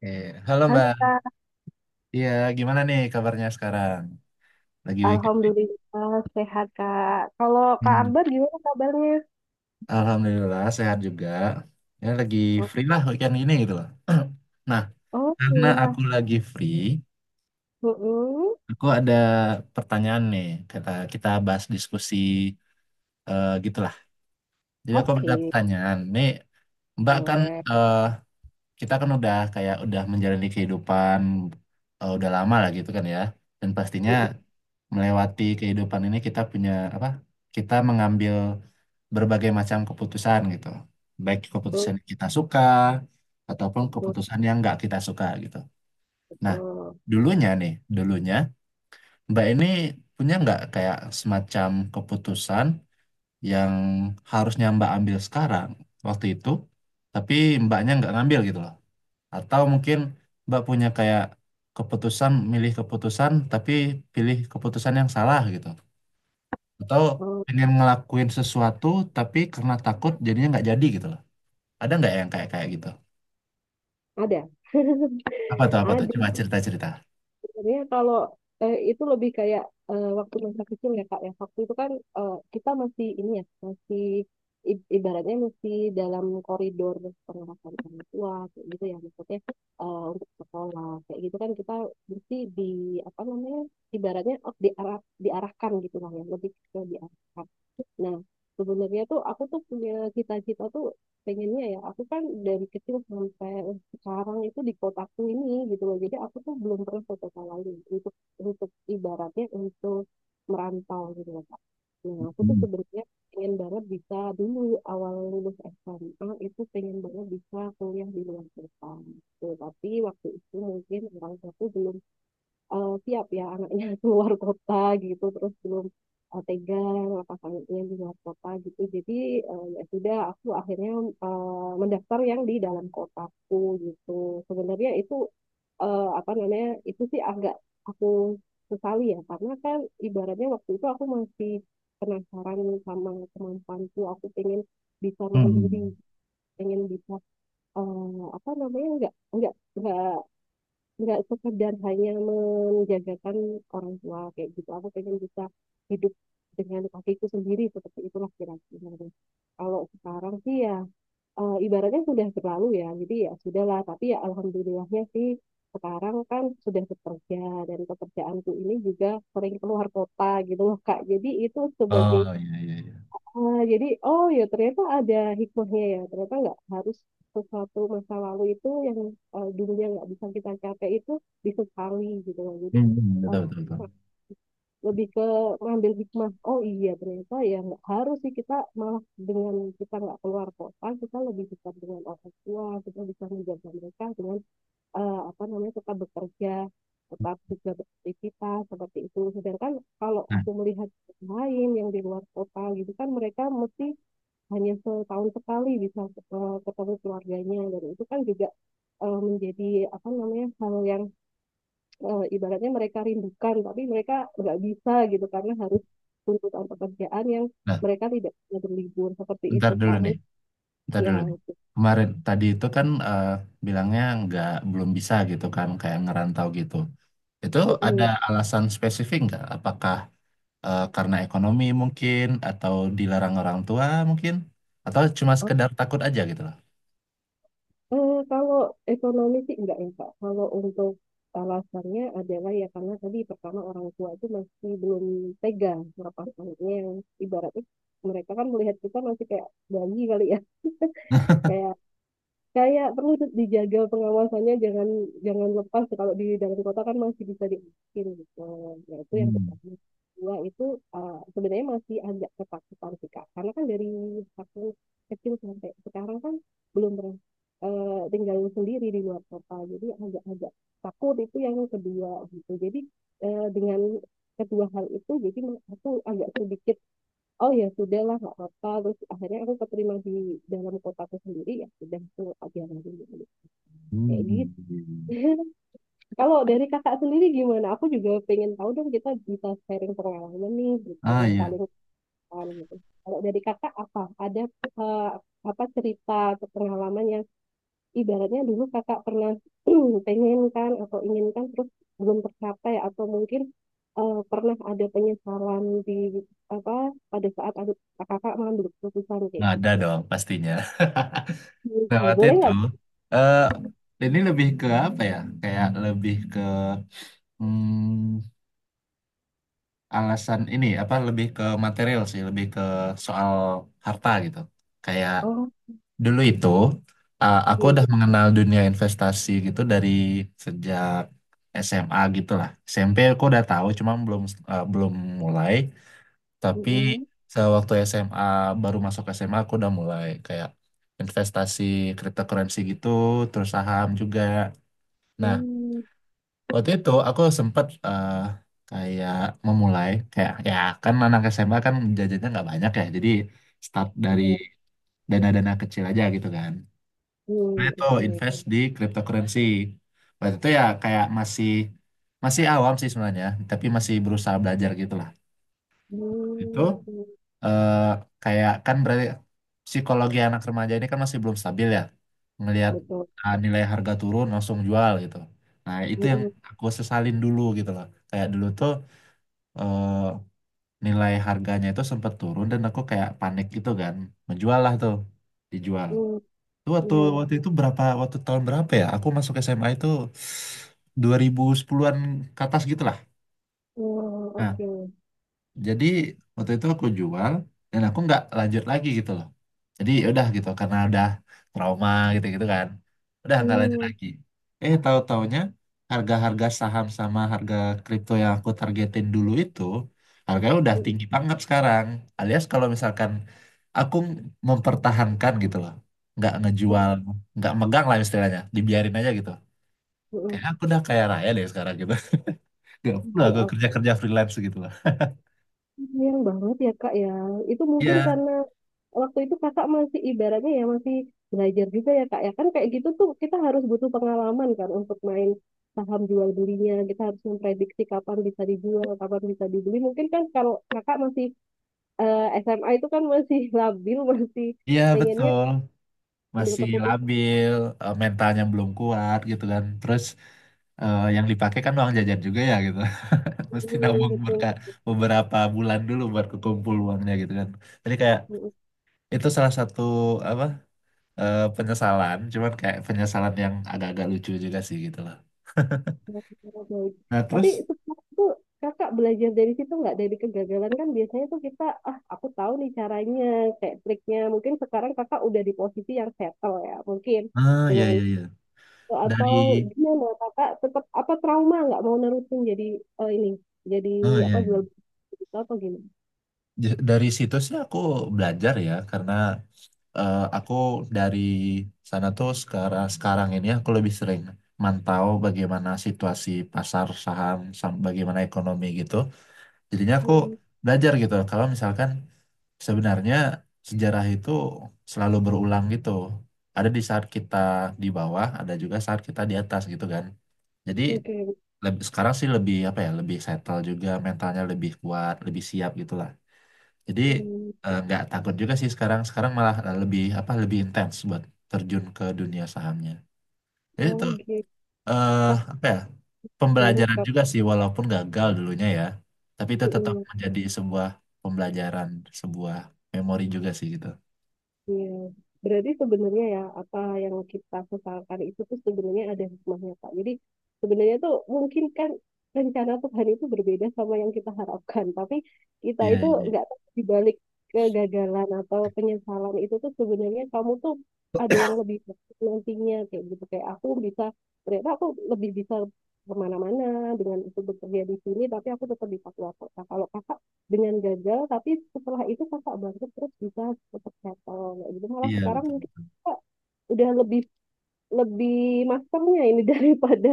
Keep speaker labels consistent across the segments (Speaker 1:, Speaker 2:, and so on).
Speaker 1: Halo
Speaker 2: Halo
Speaker 1: Mbak.
Speaker 2: Kak,
Speaker 1: Iya, gimana nih kabarnya sekarang? Lagi weekend nih.
Speaker 2: Alhamdulillah sehat Kak. Kalau Kak
Speaker 1: Hmm,
Speaker 2: Akbar gimana kabarnya?
Speaker 1: Alhamdulillah sehat juga. Ya lagi
Speaker 2: Oh,
Speaker 1: free lah weekend ini gitu loh. Nah,
Speaker 2: oh,
Speaker 1: karena
Speaker 2: iya.
Speaker 1: aku lagi free,
Speaker 2: Mm-mm.
Speaker 1: aku ada pertanyaan nih. Kita kita bahas diskusi gitulah. Jadi aku
Speaker 2: Oke,
Speaker 1: ada pertanyaan. Nih, Mbak kan
Speaker 2: boleh.
Speaker 1: eh, kita kan udah kayak udah menjalani kehidupan udah lama lah gitu kan ya. Dan pastinya
Speaker 2: Mm-mm.
Speaker 1: melewati kehidupan ini kita punya apa? Kita mengambil berbagai macam keputusan gitu. Baik keputusan yang kita suka ataupun
Speaker 2: Mm-mm.
Speaker 1: keputusan yang nggak kita suka gitu. Nah,
Speaker 2: Mm-mm.
Speaker 1: dulunya nih, dulunya Mbak ini punya nggak kayak semacam keputusan yang harusnya Mbak ambil sekarang waktu itu, tapi Mbaknya nggak ngambil gitu loh. Atau mungkin Mbak punya kayak keputusan, milih keputusan, tapi pilih keputusan yang salah gitu. Atau
Speaker 2: Mm,
Speaker 1: pengen ngelakuin sesuatu, tapi karena takut jadinya nggak jadi gitu loh. Ada nggak yang kayak kayak gitu?
Speaker 2: Ada,
Speaker 1: Apa tuh, apa tuh?
Speaker 2: ada.
Speaker 1: Coba cerita-cerita.
Speaker 2: Sebenarnya kalau itu lebih kayak waktu masa kecil ya Kak ya. Waktu itu kan kita masih ini ya, masih ibaratnya masih dalam koridor pengawasan orang tua kayak gitu ya, maksudnya untuk sekolah kayak gitu kan kita mesti di apa namanya ibaratnya diarahkan gitu lah, ya lebih ke diarahkan. Nah, sebenarnya tuh aku tuh punya cita-cita tuh, pengennya ya aku kan dari kecil sampai sekarang itu di kotaku ini gitu loh. Jadi aku tuh belum pernah ke kota lain untuk ibaratnya untuk merantau gitu loh Kak. Nah, aku tuh
Speaker 1: Hmm.
Speaker 2: sebenarnya pengen banget bisa dulu awal lulus SMA itu pengen banget bisa kuliah di luar kota. Gitu. Tapi waktu itu mungkin orang tuaku belum siap ya anaknya keluar kota gitu, terus belum tega pasangannya di luar kota gitu, jadi ya sudah aku akhirnya mendaftar yang di dalam kotaku gitu. Sebenarnya itu apa namanya itu sih agak aku sesali ya, karena kan ibaratnya waktu itu aku masih penasaran sama kemampuanku, aku pengen bisa mandiri,
Speaker 1: Hmm.
Speaker 2: pengen bisa apa namanya nggak sekedar hanya menjagakan orang tua kayak gitu, aku pengen bisa hidup dengan kakiku sendiri, seperti itulah kira-kira. Kalau sekarang sih ya ibaratnya sudah berlalu ya, jadi ya sudahlah, tapi ya alhamdulillahnya sih sekarang kan sudah bekerja, dan pekerjaanku ini juga sering keluar kota gitu loh Kak, jadi itu
Speaker 1: Oh,
Speaker 2: sebagai,
Speaker 1: iya, iya, iya.
Speaker 2: ah, jadi, oh ya ternyata ada hikmahnya ya. Ternyata nggak harus sesuatu masa lalu itu yang dulunya nggak bisa kita capai itu disesali gitu loh. Jadi eh,
Speaker 1: Betul, betul, betul.
Speaker 2: lebih ke ngambil hikmah. Oh iya ternyata ya nggak harus sih kita, malah dengan kita nggak keluar kota, kita lebih dekat dengan orang tua. Kita bisa menjaga mereka dengan apa namanya tetap bekerja, tetap juga beraktivitas seperti itu. Sedangkan kalau
Speaker 1: Nah,
Speaker 2: aku melihat lain yang di luar kota gitu kan mereka mesti hanya setahun sekali bisa ketemu keluarganya, dan itu kan juga menjadi apa namanya hal yang ibaratnya mereka rindukan, tapi mereka nggak bisa gitu karena harus tuntutan pekerjaan yang
Speaker 1: nah,
Speaker 2: mereka tidak bisa berlibur seperti
Speaker 1: bentar
Speaker 2: itu
Speaker 1: dulu
Speaker 2: Kak
Speaker 1: nih,
Speaker 2: Mut,
Speaker 1: bentar
Speaker 2: ya
Speaker 1: dulu nih.
Speaker 2: gitu.
Speaker 1: Kemarin tadi itu kan bilangnya nggak belum bisa gitu kan, kayak ngerantau gitu. Itu ada
Speaker 2: Mm-mm.
Speaker 1: alasan spesifik nggak? Apakah karena ekonomi mungkin atau dilarang orang tua mungkin atau cuma
Speaker 2: Oh.
Speaker 1: sekedar takut aja gitu loh.
Speaker 2: Kalau ekonomi sih enggak ya Kak, kalau untuk alasannya adalah ya karena tadi pertama orang tua itu masih belum tega melepaskannya, yang ibaratnya mereka kan melihat kita masih kayak bayi kali ya, kayak kayak perlu dijaga pengawasannya, jangan jangan lepas, kalau di dalam kota kan masih bisa dibikin gitu, ya itu yang
Speaker 1: Hmm.
Speaker 2: pertama. Dua itu sebenarnya masih agak ketakutan sih Kak, karena kan dari aku kecil sampai sekarang kan belum pernah tinggal sendiri di luar kota, jadi agak-agak takut, itu yang kedua gitu. Jadi dengan kedua hal itu jadi aku agak sedikit, oh ya sudah lah nggak apa-apa, terus akhirnya aku keterima di dalam kotaku sendiri, ya sudah itu aja lagi
Speaker 1: Hmm.
Speaker 2: kayak gitu.
Speaker 1: Iya, iya.
Speaker 2: Kalau dari kakak sendiri gimana, aku juga pengen tahu dong, kita bisa sharing pengalaman nih gitu,
Speaker 1: Ah, iya,
Speaker 2: saling tahu gitu. Kalau dari kakak apa ada eh, apa cerita atau pengalaman yang ibaratnya dulu kakak pernah pengen kan atau inginkan terus belum tercapai, atau mungkin pernah ada penyesalan di apa, pada saat ada kakak mengambil keputusan kayak
Speaker 1: nggak ada
Speaker 2: gitu?
Speaker 1: dong pastinya. Nah, waktu
Speaker 2: Boleh
Speaker 1: itu
Speaker 2: nggak?
Speaker 1: eh ini lebih ke apa ya? Kayak lebih ke hmm, alasan ini apa, lebih ke material sih, lebih ke soal harta gitu. Kayak
Speaker 2: Oh,
Speaker 1: dulu itu aku udah
Speaker 2: iya.
Speaker 1: mengenal dunia investasi gitu dari sejak SMA gitu lah. SMP aku udah tahu, cuma belum belum mulai. Tapi
Speaker 2: Mm-mm.
Speaker 1: sewaktu SMA, baru masuk SMA aku udah mulai kayak investasi cryptocurrency gitu, terus saham juga. Nah,
Speaker 2: Hmm,
Speaker 1: waktu itu aku sempat kayak memulai, kayak ya kan anak SMA kan jajannya nggak banyak ya, jadi start dari
Speaker 2: iya.
Speaker 1: dana-dana kecil aja gitu kan. Nah,
Speaker 2: Hmm,
Speaker 1: itu
Speaker 2: oke.
Speaker 1: invest di cryptocurrency. Waktu itu ya kayak masih masih awam sih sebenarnya, tapi masih berusaha belajar gitu lah. Itu
Speaker 2: Hmm, hmm.
Speaker 1: eh, kayak kan berarti psikologi anak remaja ini kan masih belum stabil ya. Ngelihat
Speaker 2: Betul.
Speaker 1: nilai harga turun langsung jual gitu. Nah, itu yang
Speaker 2: Mm-mm.
Speaker 1: aku sesalin dulu gitu loh. Kayak dulu tuh eh, nilai harganya itu sempat turun dan aku kayak panik gitu kan. Menjual lah tuh, dijual.
Speaker 2: Hmm,
Speaker 1: Itu waktu
Speaker 2: iya.
Speaker 1: waktu itu berapa, waktu tahun berapa ya? Aku masuk SMA itu 2010-an ke atas gitu lah.
Speaker 2: Hmm,
Speaker 1: Nah,
Speaker 2: oke.
Speaker 1: jadi waktu itu aku jual dan aku nggak lanjut lagi gitu loh, jadi ya udah gitu karena udah trauma gitu gitu kan, udah nggak lanjut
Speaker 2: Hmm,
Speaker 1: lagi. Tahu-taunya, harga-harga saham sama harga kripto yang aku targetin dulu itu harganya udah
Speaker 2: hmm,
Speaker 1: tinggi banget sekarang, alias kalau misalkan aku mempertahankan gitu loh, nggak
Speaker 2: hmm,
Speaker 1: ngejual, nggak megang lah istilahnya, dibiarin aja gitu,
Speaker 2: hmm.
Speaker 1: kayaknya aku udah kaya raya deh sekarang gitu. Nggak perlu
Speaker 2: Ya,
Speaker 1: aku
Speaker 2: aku
Speaker 1: kerja-kerja freelance gitu loh.
Speaker 2: sayang banget ya Kak ya. Itu mungkin
Speaker 1: Iya,
Speaker 2: karena waktu itu kakak masih ibaratnya ya masih belajar juga ya kak ya kan, kayak gitu tuh kita harus butuh pengalaman kan untuk main saham, jual belinya kita harus memprediksi kapan bisa dijual kapan bisa dibeli, mungkin kan kalau kakak masih SMA itu kan masih labil, masih
Speaker 1: iya
Speaker 2: pengennya
Speaker 1: betul,
Speaker 2: ambil
Speaker 1: masih
Speaker 2: keputusan
Speaker 1: labil, mentalnya belum kuat gitu kan. Terus yang dipakai kan uang jajan juga ya gitu. Mesti
Speaker 2: dulu
Speaker 1: nabung
Speaker 2: gitu.
Speaker 1: beberapa bulan dulu buat kekumpul uangnya gitu kan. Jadi kayak itu salah satu apa, penyesalan, cuman kayak penyesalan yang agak-agak lucu juga sih gitu loh.
Speaker 2: Oh, baik.
Speaker 1: Nah
Speaker 2: Tapi
Speaker 1: terus,
Speaker 2: itu kakak belajar dari situ nggak, dari kegagalan kan biasanya tuh kita ah aku tahu nih caranya kayak triknya, mungkin sekarang kakak udah di posisi yang settle ya, mungkin
Speaker 1: ah ya
Speaker 2: dengan,
Speaker 1: ya ya, dari,
Speaker 2: atau gimana kakak tetap apa trauma nggak mau nerusin jadi ini jadi
Speaker 1: ah
Speaker 2: apa,
Speaker 1: ya
Speaker 2: jual beli itu atau gimana?
Speaker 1: Dari situ sih aku belajar ya karena aku dari sana tuh sekarang sekarang ini aku lebih sering mantau bagaimana situasi pasar saham, bagaimana ekonomi gitu. Jadinya aku
Speaker 2: Hmm,
Speaker 1: belajar gitu, kalau misalkan sebenarnya sejarah itu selalu berulang gitu. Ada di saat kita di bawah, ada juga saat kita di atas gitu kan. Jadi
Speaker 2: oke.
Speaker 1: sekarang sih lebih apa ya, lebih settle juga, mentalnya lebih kuat, lebih siap gitu, jadi
Speaker 2: Hmm,
Speaker 1: nggak takut juga sih sekarang. Sekarang malah lebih apa, lebih intens buat terjun ke dunia sahamnya. Jadi
Speaker 2: oh
Speaker 1: itu
Speaker 2: gitu.
Speaker 1: eh,
Speaker 2: Pas
Speaker 1: apa ya,
Speaker 2: banget
Speaker 1: pembelajaran
Speaker 2: kak.
Speaker 1: juga sih walaupun gagal dulunya ya. Tapi itu tetap menjadi sebuah pembelajaran, sebuah memori juga sih gitu.
Speaker 2: Iya, berarti sebenarnya ya apa yang kita sesalkan itu tuh sebenarnya ada hikmahnya Pak. Jadi sebenarnya tuh mungkin kan rencana Tuhan itu berbeda sama yang kita harapkan, tapi kita
Speaker 1: Iya,
Speaker 2: itu
Speaker 1: iya,
Speaker 2: nggak tahu di balik kegagalan atau penyesalan itu tuh sebenarnya kamu tuh ada yang lebih baik nantinya, kayak gitu kayak aku bisa, ternyata aku lebih bisa kemana-mana dengan itu, bekerja di sini tapi aku tetap di Papua Kota. Kalau kakak dengan gagal tapi setelah itu kakak bangkit terus bisa tetap settle kayak gitu, malah
Speaker 1: iya,
Speaker 2: sekarang
Speaker 1: betul,
Speaker 2: mungkin
Speaker 1: betul.
Speaker 2: kakak udah lebih lebih masternya ini daripada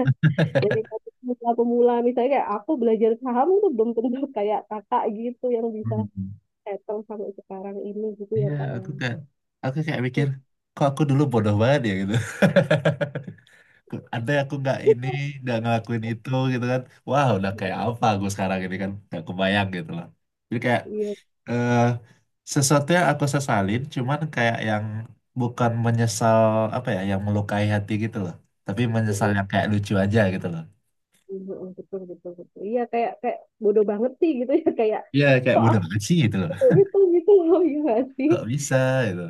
Speaker 2: daripada pemula-pemula, misalnya kayak aku belajar saham itu belum tentu kayak kakak gitu yang bisa
Speaker 1: Hmm.
Speaker 2: settle sampai sekarang ini gitu ya
Speaker 1: Iya,
Speaker 2: kak ya.
Speaker 1: aku kayak mikir kok aku dulu bodoh banget ya gitu. Ada, aku nggak ini, nggak ngelakuin itu gitu kan. Wah, udah kayak apa aku sekarang ini kan. Nggak kebayang gitu loh. Jadi kayak
Speaker 2: Iya,
Speaker 1: eh, sesuatu yang aku sesalin, cuman kayak yang bukan menyesal apa ya, yang melukai hati gitu loh. Tapi menyesal
Speaker 2: mm,
Speaker 1: yang kayak lucu aja gitu loh.
Speaker 2: mm, mm, betul betul betul iya kayak kayak bodoh banget sih gitu ya, kayak
Speaker 1: Ya kayak
Speaker 2: kok
Speaker 1: bodoh
Speaker 2: aku
Speaker 1: banget sih gitu loh.
Speaker 2: itu gitu gitu loh ya nggak sih.
Speaker 1: Kok bisa gitu.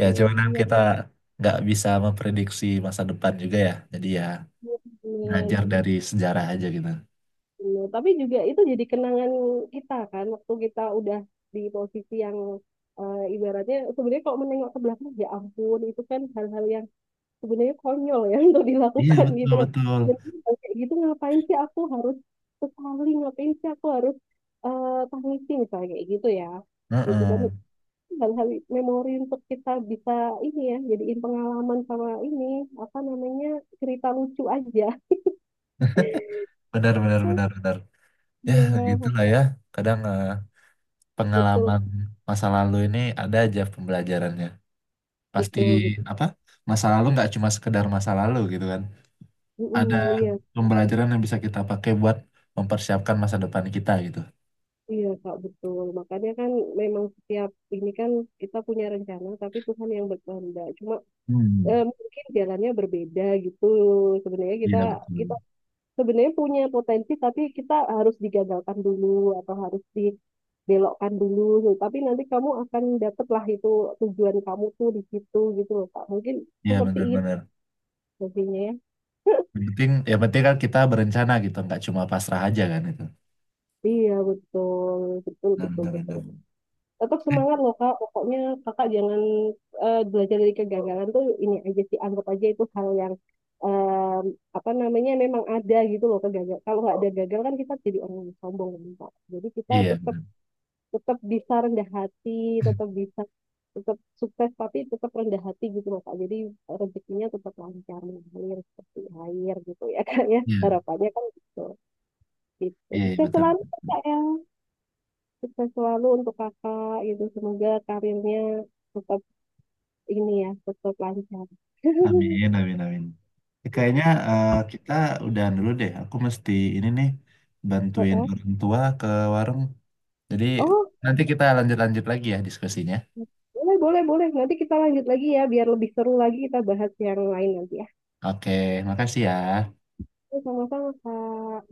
Speaker 1: Ya cuman
Speaker 2: Oh,
Speaker 1: kan
Speaker 2: iya
Speaker 1: kita nggak bisa memprediksi masa depan juga ya. Jadi ya
Speaker 2: bener.
Speaker 1: belajar dari sejarah aja gitu.
Speaker 2: Bener. Tapi juga itu jadi kenangan kita kan, waktu kita udah di posisi yang ibaratnya sebenarnya kalau menengok ke belakang ya ampun, itu kan hal-hal yang sebenarnya konyol ya untuk
Speaker 1: Iya
Speaker 2: dilakukan
Speaker 1: betul
Speaker 2: gitu loh.
Speaker 1: betul.
Speaker 2: Dan kayak gitu ngapain sih aku harus sekali, ngapain sih aku harus tangisi misalnya kayak gitu ya. Gitu kan
Speaker 1: Heeh.
Speaker 2: hal-hal memori untuk kita bisa ini ya jadiin pengalaman, sama ini apa namanya cerita lucu aja.
Speaker 1: Benar, benar, benar, benar. Ya,
Speaker 2: Ya,
Speaker 1: begitulah ya. Kadang
Speaker 2: betul
Speaker 1: pengalaman masa lalu ini ada aja pembelajarannya. Pasti
Speaker 2: betul.
Speaker 1: apa? Masa lalu nggak cuma sekedar masa lalu gitu kan. Ada
Speaker 2: Mm-mm, iya,
Speaker 1: pembelajaran yang bisa kita pakai buat mempersiapkan masa depan kita gitu.
Speaker 2: iya Kak, betul. Makanya kan memang setiap ini kan kita punya rencana, tapi Tuhan yang berkehendak. Cuma
Speaker 1: Hmm,
Speaker 2: mungkin jalannya berbeda gitu. Sebenarnya kita
Speaker 1: Iya
Speaker 2: kita
Speaker 1: betul.
Speaker 2: sebenarnya punya potensi, tapi kita harus digagalkan dulu atau harus dibelokkan dulu. Tapi nanti kamu akan dapatlah itu tujuan kamu tuh di situ gitu loh Kak. Mungkin
Speaker 1: Iya
Speaker 2: seperti itu
Speaker 1: benar-benar.
Speaker 2: pastinya ya.
Speaker 1: Yang penting kan kita berencana gitu, nggak cuma pasrah aja kan itu.
Speaker 2: Iya, betul, betul, betul, betul.
Speaker 1: Benar-benar.
Speaker 2: Tetap semangat loh kak pokoknya, kakak jangan belajar dari kegagalan tuh ini aja sih, anggap aja itu hal yang em, apa namanya memang ada gitu loh, kegagalan. Kalau nggak ada gagal kan kita jadi orang yang sombong kan kak, jadi kita
Speaker 1: Iya
Speaker 2: tetap
Speaker 1: benar.
Speaker 2: tetap bisa rendah hati, tetap bisa tetap sukses tapi tetap rendah hati gitu loh kak, jadi rezekinya tetap lancar mengalir seperti air gitu ya kak ya,
Speaker 1: Iya,
Speaker 2: harapannya kan gitu. Gitu,
Speaker 1: iya
Speaker 2: sukses
Speaker 1: betul.
Speaker 2: selalu kak ya. Sukses selalu untuk kakak gitu. Semoga karirnya tetap ini ya, tetap lancar.
Speaker 1: Amin, amin, amin. Kayaknya kita udahan dulu deh. Aku mesti ini nih bantuin
Speaker 2: Heeh.
Speaker 1: orang tua ke warung. Jadi
Speaker 2: Oh,
Speaker 1: nanti kita lanjut-lanjut lagi ya diskusinya.
Speaker 2: boleh, boleh, boleh. Nanti kita lanjut lagi ya, biar lebih seru lagi kita bahas yang lain nanti ya.
Speaker 1: Oke, makasih ya.
Speaker 2: Sama-sama, Kak.